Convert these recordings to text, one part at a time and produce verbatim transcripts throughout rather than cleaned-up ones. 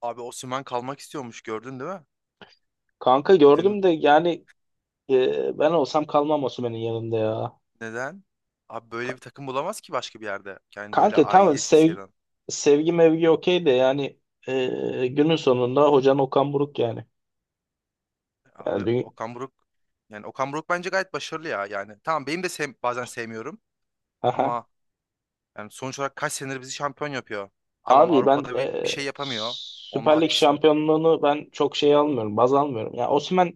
Abi Osimhen kalmak istiyormuş, gördün değil mi? Kanka Dün. gördüm de yani, e, ben olsam kalmam Osimhen'in yanında ya. Neden? Abi böyle Ka- bir takım bulamaz ki başka bir yerde. Yani böyle Kanka tamam aidiyet sevgi, hisseden. sevgi mevgi okey de yani, e, günün sonunda hocan Okan Buruk yani. Yani Abi dü- Okan Buruk, yani Okan Buruk bence gayet başarılı ya yani. Tamam, benim de sev- bazen sevmiyorum Aha. ama yani sonuç olarak kaç senedir bizi şampiyon yapıyor. Tamam, Abi ben, Avrupa'da bir, bir e, şey yapamıyor. Onda Süper Lig haklısın. şampiyonluğunu ben çok şey almıyorum, baz almıyorum. Ya yani,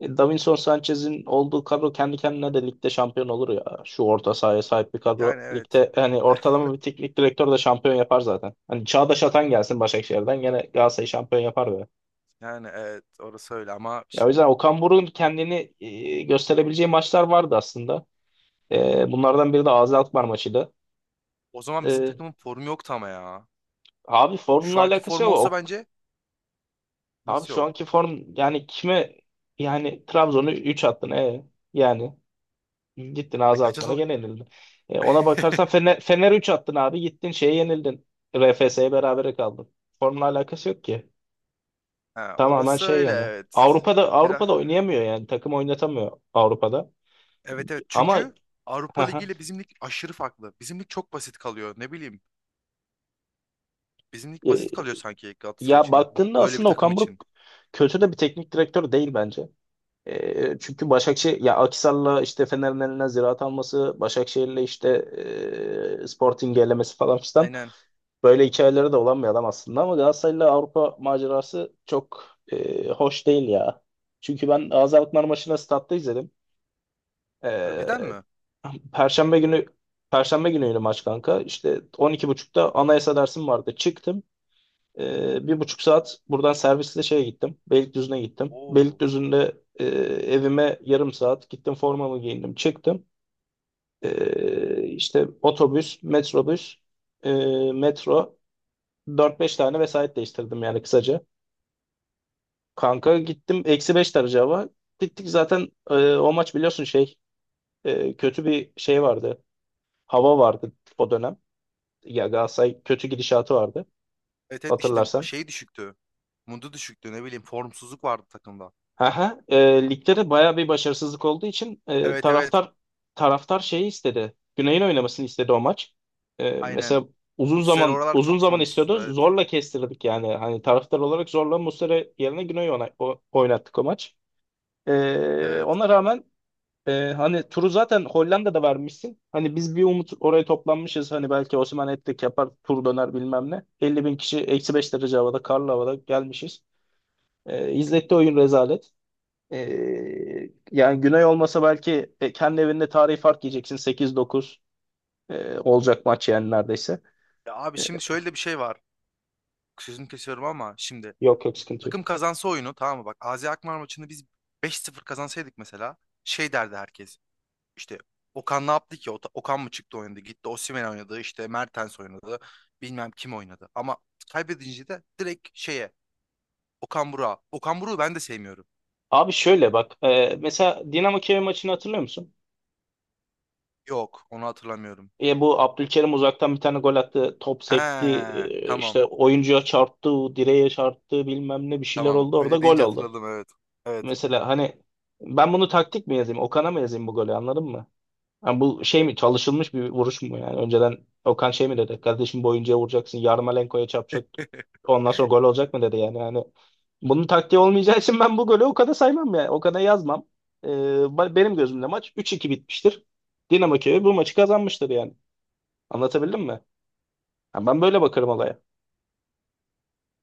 E, Davinson Sanchez'in olduğu kadro kendi kendine de ligde şampiyon olur ya. Şu orta sahaya sahip bir Yani kadro. evet. Ligde hani ortalama bir teknik direktör de şampiyon yapar zaten. Hani Çağdaş Atan gelsin Başakşehir'den gene Galatasaray şampiyon yapar be. Yani evet, orası öyle ama Ya o yüzden şimdi Okan Buruk'un kendini, e, gösterebileceği maçlar vardı aslında. E, bunlardan biri de Azi Alkmaar maçıydı. o zaman bizim E, takımın formu yoktu ama ya. Abi Şu formla anki alakası yok. formu olsa O, bence Abi nasıl şu yok? anki form yani kime, yani Trabzon'u üç attın, e yani gittin E ağza kaç atmana atalım? gene yenildin. E, ona bakarsan Fener, Fener üç attın abi, gittin şeye yenildin. R F S'ye berabere kaldın. Formla alakası yok ki. Ha, Tamamen orası şey öyle, yani. evet. Avrupa'da Biraz, Avrupa'da oynayamıyor, yani takım oynatamıyor Avrupa'da. evet evet, Ama çünkü hı Avrupa Ligi hı. ile bizim lig aşırı farklı. Bizim lig çok basit kalıyor, ne bileyim. Bizim lig E, basit kalıyor sanki Galatasaray Ya için. Bu, baktığında böyle bir aslında takım Okan için. Buruk kötü de bir teknik direktör değil bence. E, çünkü Başakşehir ya Akhisar'la işte Fener'in eline Ziraat alması, Başakşehir'le işte, e, Sporting elemesi falan filan. Aynen. Böyle hikayeleri de olan bir adam aslında ama Galatasaray'la Avrupa macerası çok, e, hoş değil ya. Çünkü ben Gaziantep maçını statta izledim. Harbiden E, mi? Perşembe günü Perşembe günüydü maç kanka. İşte on iki buçukta anayasa dersim vardı. Çıktım. E, bir buçuk saat buradan servisle şeye gittim. Beylikdüzü'ne gittim. Oo. Beylikdüzü'nde, e, evime yarım saat gittim, formamı giyindim. Çıktım. E, işte otobüs, metrobüs, e, metro. Dört beş tane vesait değiştirdim yani kısaca. Kanka gittim, eksi beş derece hava. Gittik zaten, e, o maç biliyorsun şey, e, kötü bir şey vardı. Hava vardı o dönem. Ya Galatasaray kötü gidişatı vardı Evet evet, işte hatırlarsan. şey düşüktü. Mundu düşüktü, ne bileyim, formsuzluk vardı takımda. Aha, e, ligde de baya bir başarısızlık olduğu için, e, Evet evet, taraftar taraftar şeyi istedi. Güney'in oynamasını istedi o maç. E, aynen. Mesela uzun Muslera zaman, oralar uzun çok zaman formsuzdu, istiyordu. evet. Zorla kestirdik yani. Hani taraftar olarak zorla Muslera yerine Güney'i ona- o- oynattık o maç. Ee, Evet. Ona rağmen, e, hani turu zaten Hollanda'da vermişsin. Hani biz bir umut oraya toplanmışız. Hani belki Osimhen hat yapar, tur döner bilmem ne. elli bin kişi eksi beş derece havada, karlı havada gelmişiz. Ee, izletti oyun rezalet. Ee, Yani Güney olmasa belki, e, kendi evinde tarihi fark yiyeceksin. Sekiz dokuz, e, olacak maç yani neredeyse. Ya abi, şimdi şöyle de bir şey var. Sözünü kesiyorum ama şimdi Yok, yok, sıkıntı takım yok. kazansa oyunu, tamam mı? Bak A Z Alkmaar maçını biz beş sıfır kazansaydık mesela, şey derdi herkes. İşte Okan ne yaptı ki? O- Okan mı çıktı oynadı? Gitti Osimhen oynadı, işte Mertens oynadı. Bilmem kim oynadı. Ama kaybedince de direkt şeye, Okan Burak'a. Okan Burak'ı ben de sevmiyorum. Abi şöyle bak. E, mesela Dinamo Kiev maçını hatırlıyor musun? Yok, onu hatırlamıyorum. E bu Abdülkerim uzaktan bir tane gol attı. Top He, sekti, e, tamam işte oyuncuya çarptı. Direğe çarptı. Bilmem ne bir şeyler tamam, oldu. Orada öyle gol deyince oldu. hatırladım, evet. Evet. Mesela hani ben bunu taktik mi yazayım, Okan'a mı yazayım bu golü, anladın mı? Yani bu şey mi, çalışılmış bir vuruş mu yani? Önceden Okan şey mi dedi? Kardeşim bu oyuncuya vuracaksın, Yarmolenko'ya çarpacak, ondan sonra gol olacak mı dedi yani. Yani bunun taktiği olmayacağı için ben bu golü Okan'a saymam yani. Okan'a yazmam. E, ba- benim gözümde maç üç iki bitmiştir. Dinamo Kiev bu maçı kazanmıştır yani. Anlatabildim mi? Ha, ben böyle bakarım olaya.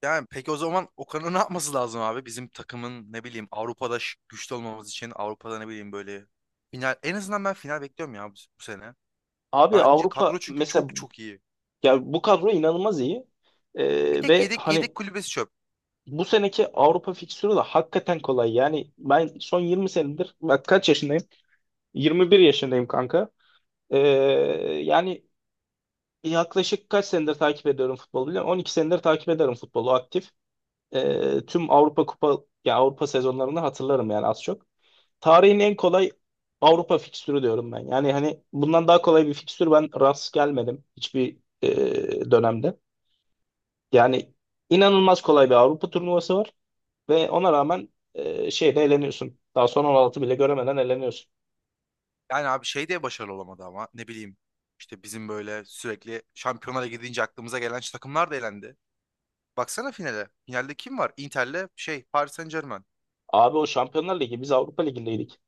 Yani peki o zaman Okan'ın ne yapması lazım abi? Bizim takımın, ne bileyim, Avrupa'da ş- güçlü olmamız için Avrupa'da ne bileyim böyle final, en azından ben final bekliyorum ya bu, bu sene. Abi Bence Avrupa kadro çünkü mesela, çok çok iyi. ya bu kadro inanılmaz iyi. Bir Ee, tek Ve yedek yedek hani kulübesi çöp. bu seneki Avrupa fikstürü de hakikaten kolay. Yani ben son yirmi senedir, bak kaç yaşındayım? yirmi bir yaşındayım kanka. Ee, Yani yaklaşık kaç senedir takip ediyorum futbolu, biliyor musun? on iki senedir takip ederim futbolu aktif. Ee, tüm Avrupa Kupa, ya Avrupa sezonlarını hatırlarım yani az çok. Tarihin en kolay Avrupa fikstürü diyorum ben. Yani hani bundan daha kolay bir fikstür ben rast gelmedim hiçbir, e, dönemde. Yani inanılmaz kolay bir Avrupa turnuvası var ve ona rağmen, e, şeyde eleniyorsun. Daha son on altı bile göremeden eleniyorsun. Yani abi şey de başarılı olamadı ama ne bileyim, işte bizim böyle sürekli şampiyonlara gidince aklımıza gelen şu takımlar da elendi. Baksana finale. Finalde kim var? Inter'le şey Paris Saint-Germain. Abi o Şampiyonlar Ligi, biz Avrupa Ligi'ndeydik.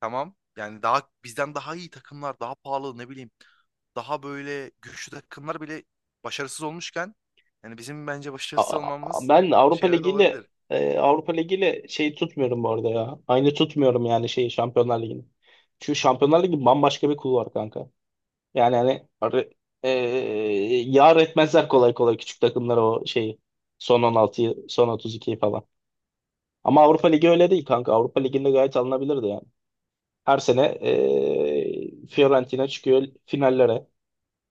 Tamam. Yani daha bizden daha iyi takımlar, daha pahalı, ne bileyim, daha böyle güçlü takımlar bile başarısız olmuşken, yani bizim bence başarısız Aa, olmamız Ben Avrupa şey de Ligi'yle, olabilir. e, Avrupa Ligi'yle şey tutmuyorum bu arada ya. Aynı tutmuyorum yani şeyi, Şampiyonlar Ligi'ni. Çünkü Şampiyonlar Ligi bambaşka bir kulvar kanka. Yani hani ar- eee yar etmezler kolay kolay küçük takımlara o şeyi. Son on altıyı, son otuz ikiyi falan. Ama Avrupa Ligi öyle değil kanka. Avrupa Ligi'nde gayet alınabilirdi yani. Her sene eee, Fiorentina çıkıyor finallere.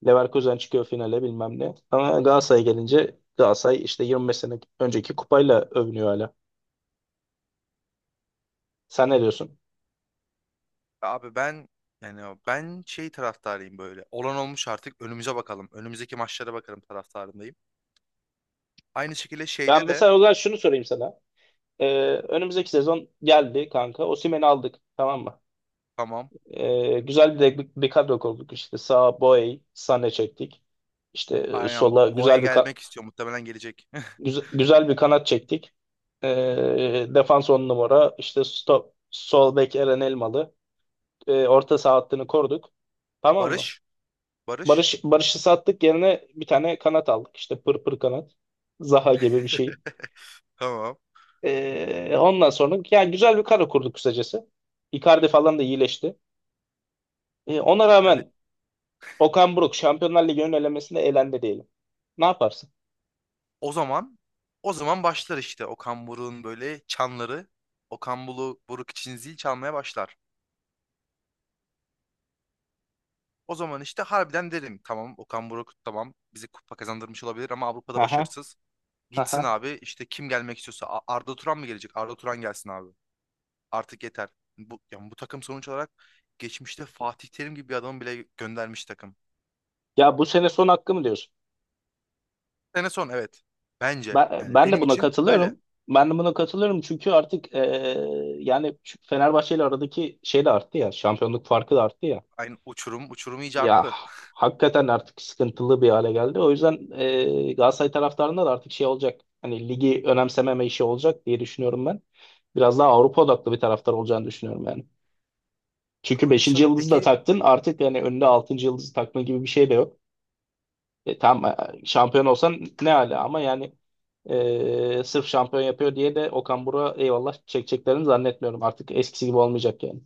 Leverkusen çıkıyor finale bilmem ne. Ama Galatasaray'a gelince Galatasaray işte yirmi beş sene önceki kupayla övünüyor hala. Sen ne diyorsun? Abi ben, yani ben şey taraftarıyım böyle. Olan olmuş, artık önümüze bakalım. Önümüzdeki maçlara bakalım taraftarındayım. Aynı şekilde Ben şeyde de mesela o zaman şunu sorayım sana. Eee, Önümüzdeki sezon geldi kanka. Osimhen'i aldık, tamam mı? tamam. E, güzel bir, bir kadro kurduk. İşte sağa Boey, Sané çektik. İşte e, Aynen, sola Boğa'ya güzel bir ka- gelmek istiyor. Muhtemelen gelecek. güze- güzel bir kanat çektik. E, defans on numara. İşte stop, sol bek Eren Elmalı. E, orta saha hattını koruduk. Tamam mı? Barış. Barış. Barış Barış'ı sattık, yerine bir tane kanat aldık. İşte pır pır kanat. Zaha gibi bir şey. Tamam. E, ondan sonra yani güzel bir kadro kurduk kısacası. Icardi falan da iyileşti. E, ona Evet. rağmen Okan Buruk Şampiyonlar Ligi'nin elemesinde elendi diyelim. Ne yaparsın? O zaman o zaman başlar işte Okan Buruk'un böyle çanları. Okan Bulu- Buruk için zil çalmaya başlar. O zaman işte harbiden derim, tamam Okan Buruk, tamam bizi kupa kazandırmış olabilir ama Avrupa'da Aha, başarısız. Gitsin aha. abi, işte kim gelmek istiyorsa A- Arda Turan mı gelecek? Arda Turan gelsin abi. Artık yeter. Bu, yani bu takım sonuç olarak geçmişte Fatih Terim gibi bir adamı bile göndermiş takım. Ya bu sene son hakkı mı diyorsun? Sene son, evet. Bence Ben, yani Ben de benim buna için öyle. katılıyorum. Ben de buna katılıyorum çünkü artık, eee, yani şu Fenerbahçe ile aradaki şey de arttı ya. Şampiyonluk farkı da arttı ya. Aynı uçurum uçurum iyice Ya arttı. hakikaten artık sıkıntılı bir hale geldi. O yüzden eee Galatasaray taraftarında da artık şey olacak. Hani ligi önemsememe işi olacak diye düşünüyorum ben. Biraz daha Avrupa odaklı bir taraftar olacağını düşünüyorum yani. Çünkü Bakalım beşinci inşallah. yıldızı da Peki taktın artık, yani önüne altıncı yıldızı takma gibi bir şey de yok. E, tamam, e, şampiyon olsan ne hala ama yani, e, sırf şampiyon yapıyor diye de Okan Buruk'a eyvallah çekeceklerini zannetmiyorum. Artık eskisi gibi olmayacak yani.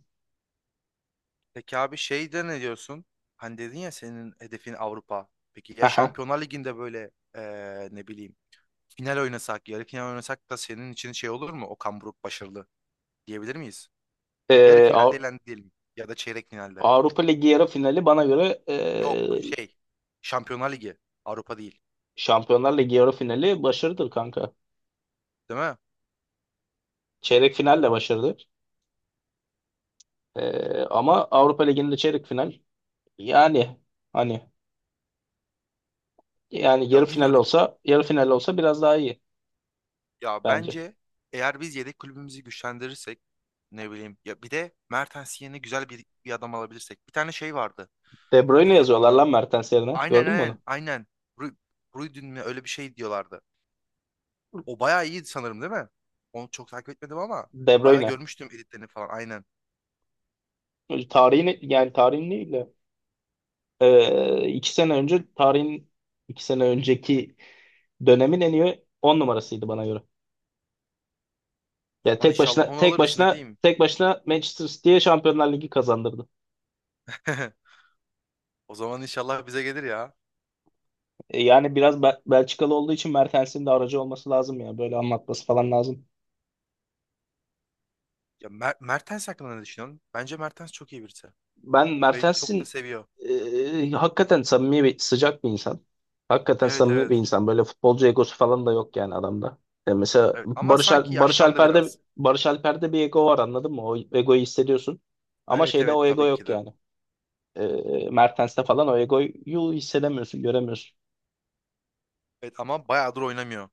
Peki abi şey de ne diyorsun? Hani dedin ya senin hedefin Avrupa. Peki ya Aha. Şampiyonlar Ligi'nde böyle eee, ne bileyim final oynasak, yarı final oynasak da senin için şey olur mu? Okan Buruk başarılı diyebilir miyiz? Yarı E, finalde Av- elendi diyelim ya da çeyrek finalde. Avrupa Ligi yarı finali bana göre, Yok e, şey, Şampiyonlar Ligi Avrupa değil. Şampiyonlar Ligi yarı finali başarıdır kanka. Değil mi? Çeyrek final de başarıdır. E, ama Avrupa Ligi'nin de çeyrek final yani, hani yani yarı Ya final bilmiyorum. olsa, yarı final olsa biraz daha iyi Ya bence. bence eğer biz yedek kulübümüzü güçlendirirsek, ne bileyim ya, bir de Mertens yerine güzel bir, bir adam alabilirsek. Bir tane şey vardı. De Bruyne Eee, yazıyorlar onların lan Mertens yerine. aynen Gördün mü onu? aynen aynen. Ru- Ruydun mu, öyle bir şey diyorlardı. O bayağı iyiydi sanırım değil mi? Onu çok takip etmedim ama De bayağı Bruyne. görmüştüm editlerini falan, aynen. Tarihin yani, tarihin değil de, e, iki sene önce tarihin, iki sene önceki dönemin en iyi on numarasıydı bana göre. O Ya zaman tek inşallah başına, onu tek alırız, ne başına, diyeyim. tek başına Manchester City'ye Şampiyonlar Ligi kazandırdı. O zaman inşallah bize gelir ya. E, yani biraz Bel- Belçikalı olduğu için Mertens'in de aracı olması lazım ya. Böyle anlatması falan lazım. Ya Mer- Mertens hakkında ne düşünüyorsun? Bence Mertens çok iyi birisi. Ben Ve çok da Mertens'in, seviyor. e, hakikaten samimi bir, sıcak bir insan. Hakikaten Evet samimi bir evet. insan. Böyle futbolcu egosu falan da yok yani adamda. E, mesela Evet ama Barış, sanki Al- Barış yaşlandı Alper'de biraz. Barış Alper'de bir ego var, anladın mı? O egoyu hissediyorsun. Ama Evet şeyde o evet, ego tabii ki yok de. yani. E, Mertens'te falan o egoyu hissedemiyorsun, göremiyorsun. Evet ama bayağıdır oynamıyor.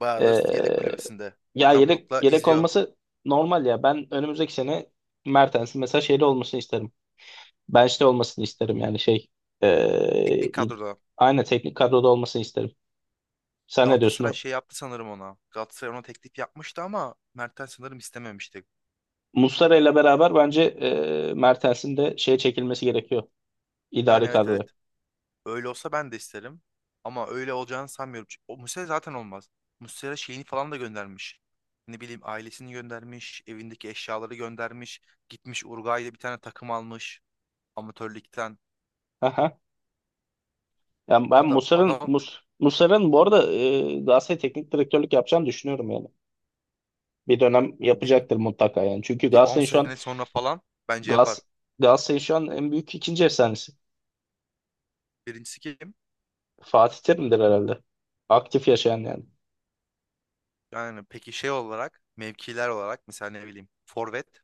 Bayağıdır yedek E, kulübesinde. Ya Okan yedek Buruk'la yedek izliyor. olması normal ya. Ben önümüzdeki sene Mertens'in mesela şeyde olmasını isterim. Bench'te olmasını isterim yani şey. Teknik E, kadroda. aynen teknik kadroda olmasını isterim. Sen ne diyorsun, Galatasaray o? şey yaptı sanırım ona. Galatasaray ona teklif yapmıştı ama Mertens sanırım istememişti. Muslera ile beraber bence, e, Mertens'in de şeye çekilmesi gerekiyor. Yani İdari evet kadroya. evet. Öyle olsa ben de isterim. Ama öyle olacağını sanmıyorum. Çünkü o Muslera zaten olmaz. Muslera şeyini falan da göndermiş. Ne bileyim, ailesini göndermiş, evindeki eşyaları göndermiş, gitmiş Uruguay'da bir tane takım almış amatörlükten. Aha. Yani ben Adam Muslera'nın adam Mus Muslera'nın bu arada, e, Galatasaray teknik direktörlük yapacağını düşünüyorum yani. Bir dönem yani bir, yapacaktır mutlaka yani. Çünkü bir on Galatasaray'ın şu an sene sonra falan bence Gas yapar. Galatasaray'ın şu an en büyük ikinci efsanesi. Birincisi kim? Fatih Terim'dir herhalde. Aktif yaşayan yani. Yani peki şey olarak, mevkiler olarak mesela ne bileyim forvet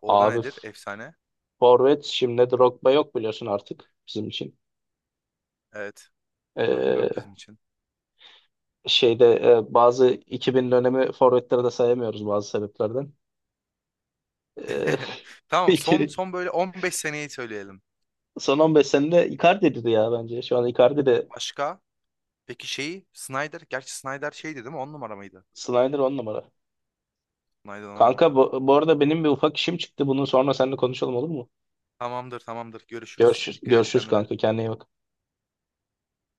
orada Abi nedir? Efsane. forvet şimdi Drogba yok biliyorsun artık bizim için. Evet. Drop yok E, bizim için. Şeyde, e, bazı iki bin dönemi forvetleri de sayamıyoruz bazı sebeplerden. E, Tamam son iki- son böyle on beş seneyi söyleyelim. Son on beş senede Icardi'dir ya bence. Şu an Icardi de Başka? Peki şeyi Snyder. Gerçi Snyder şeydi değil mi? On numara mıydı? Snyder on numara. Snyder on Kanka numara. bu, bu arada benim bir ufak işim çıktı. Bunun sonra seninle konuşalım, olur mu? Tamamdır tamamdır. Görüşürüz. Görüşürüz, Dikkat et görüşürüz kendine. kanka. Kendine iyi bak.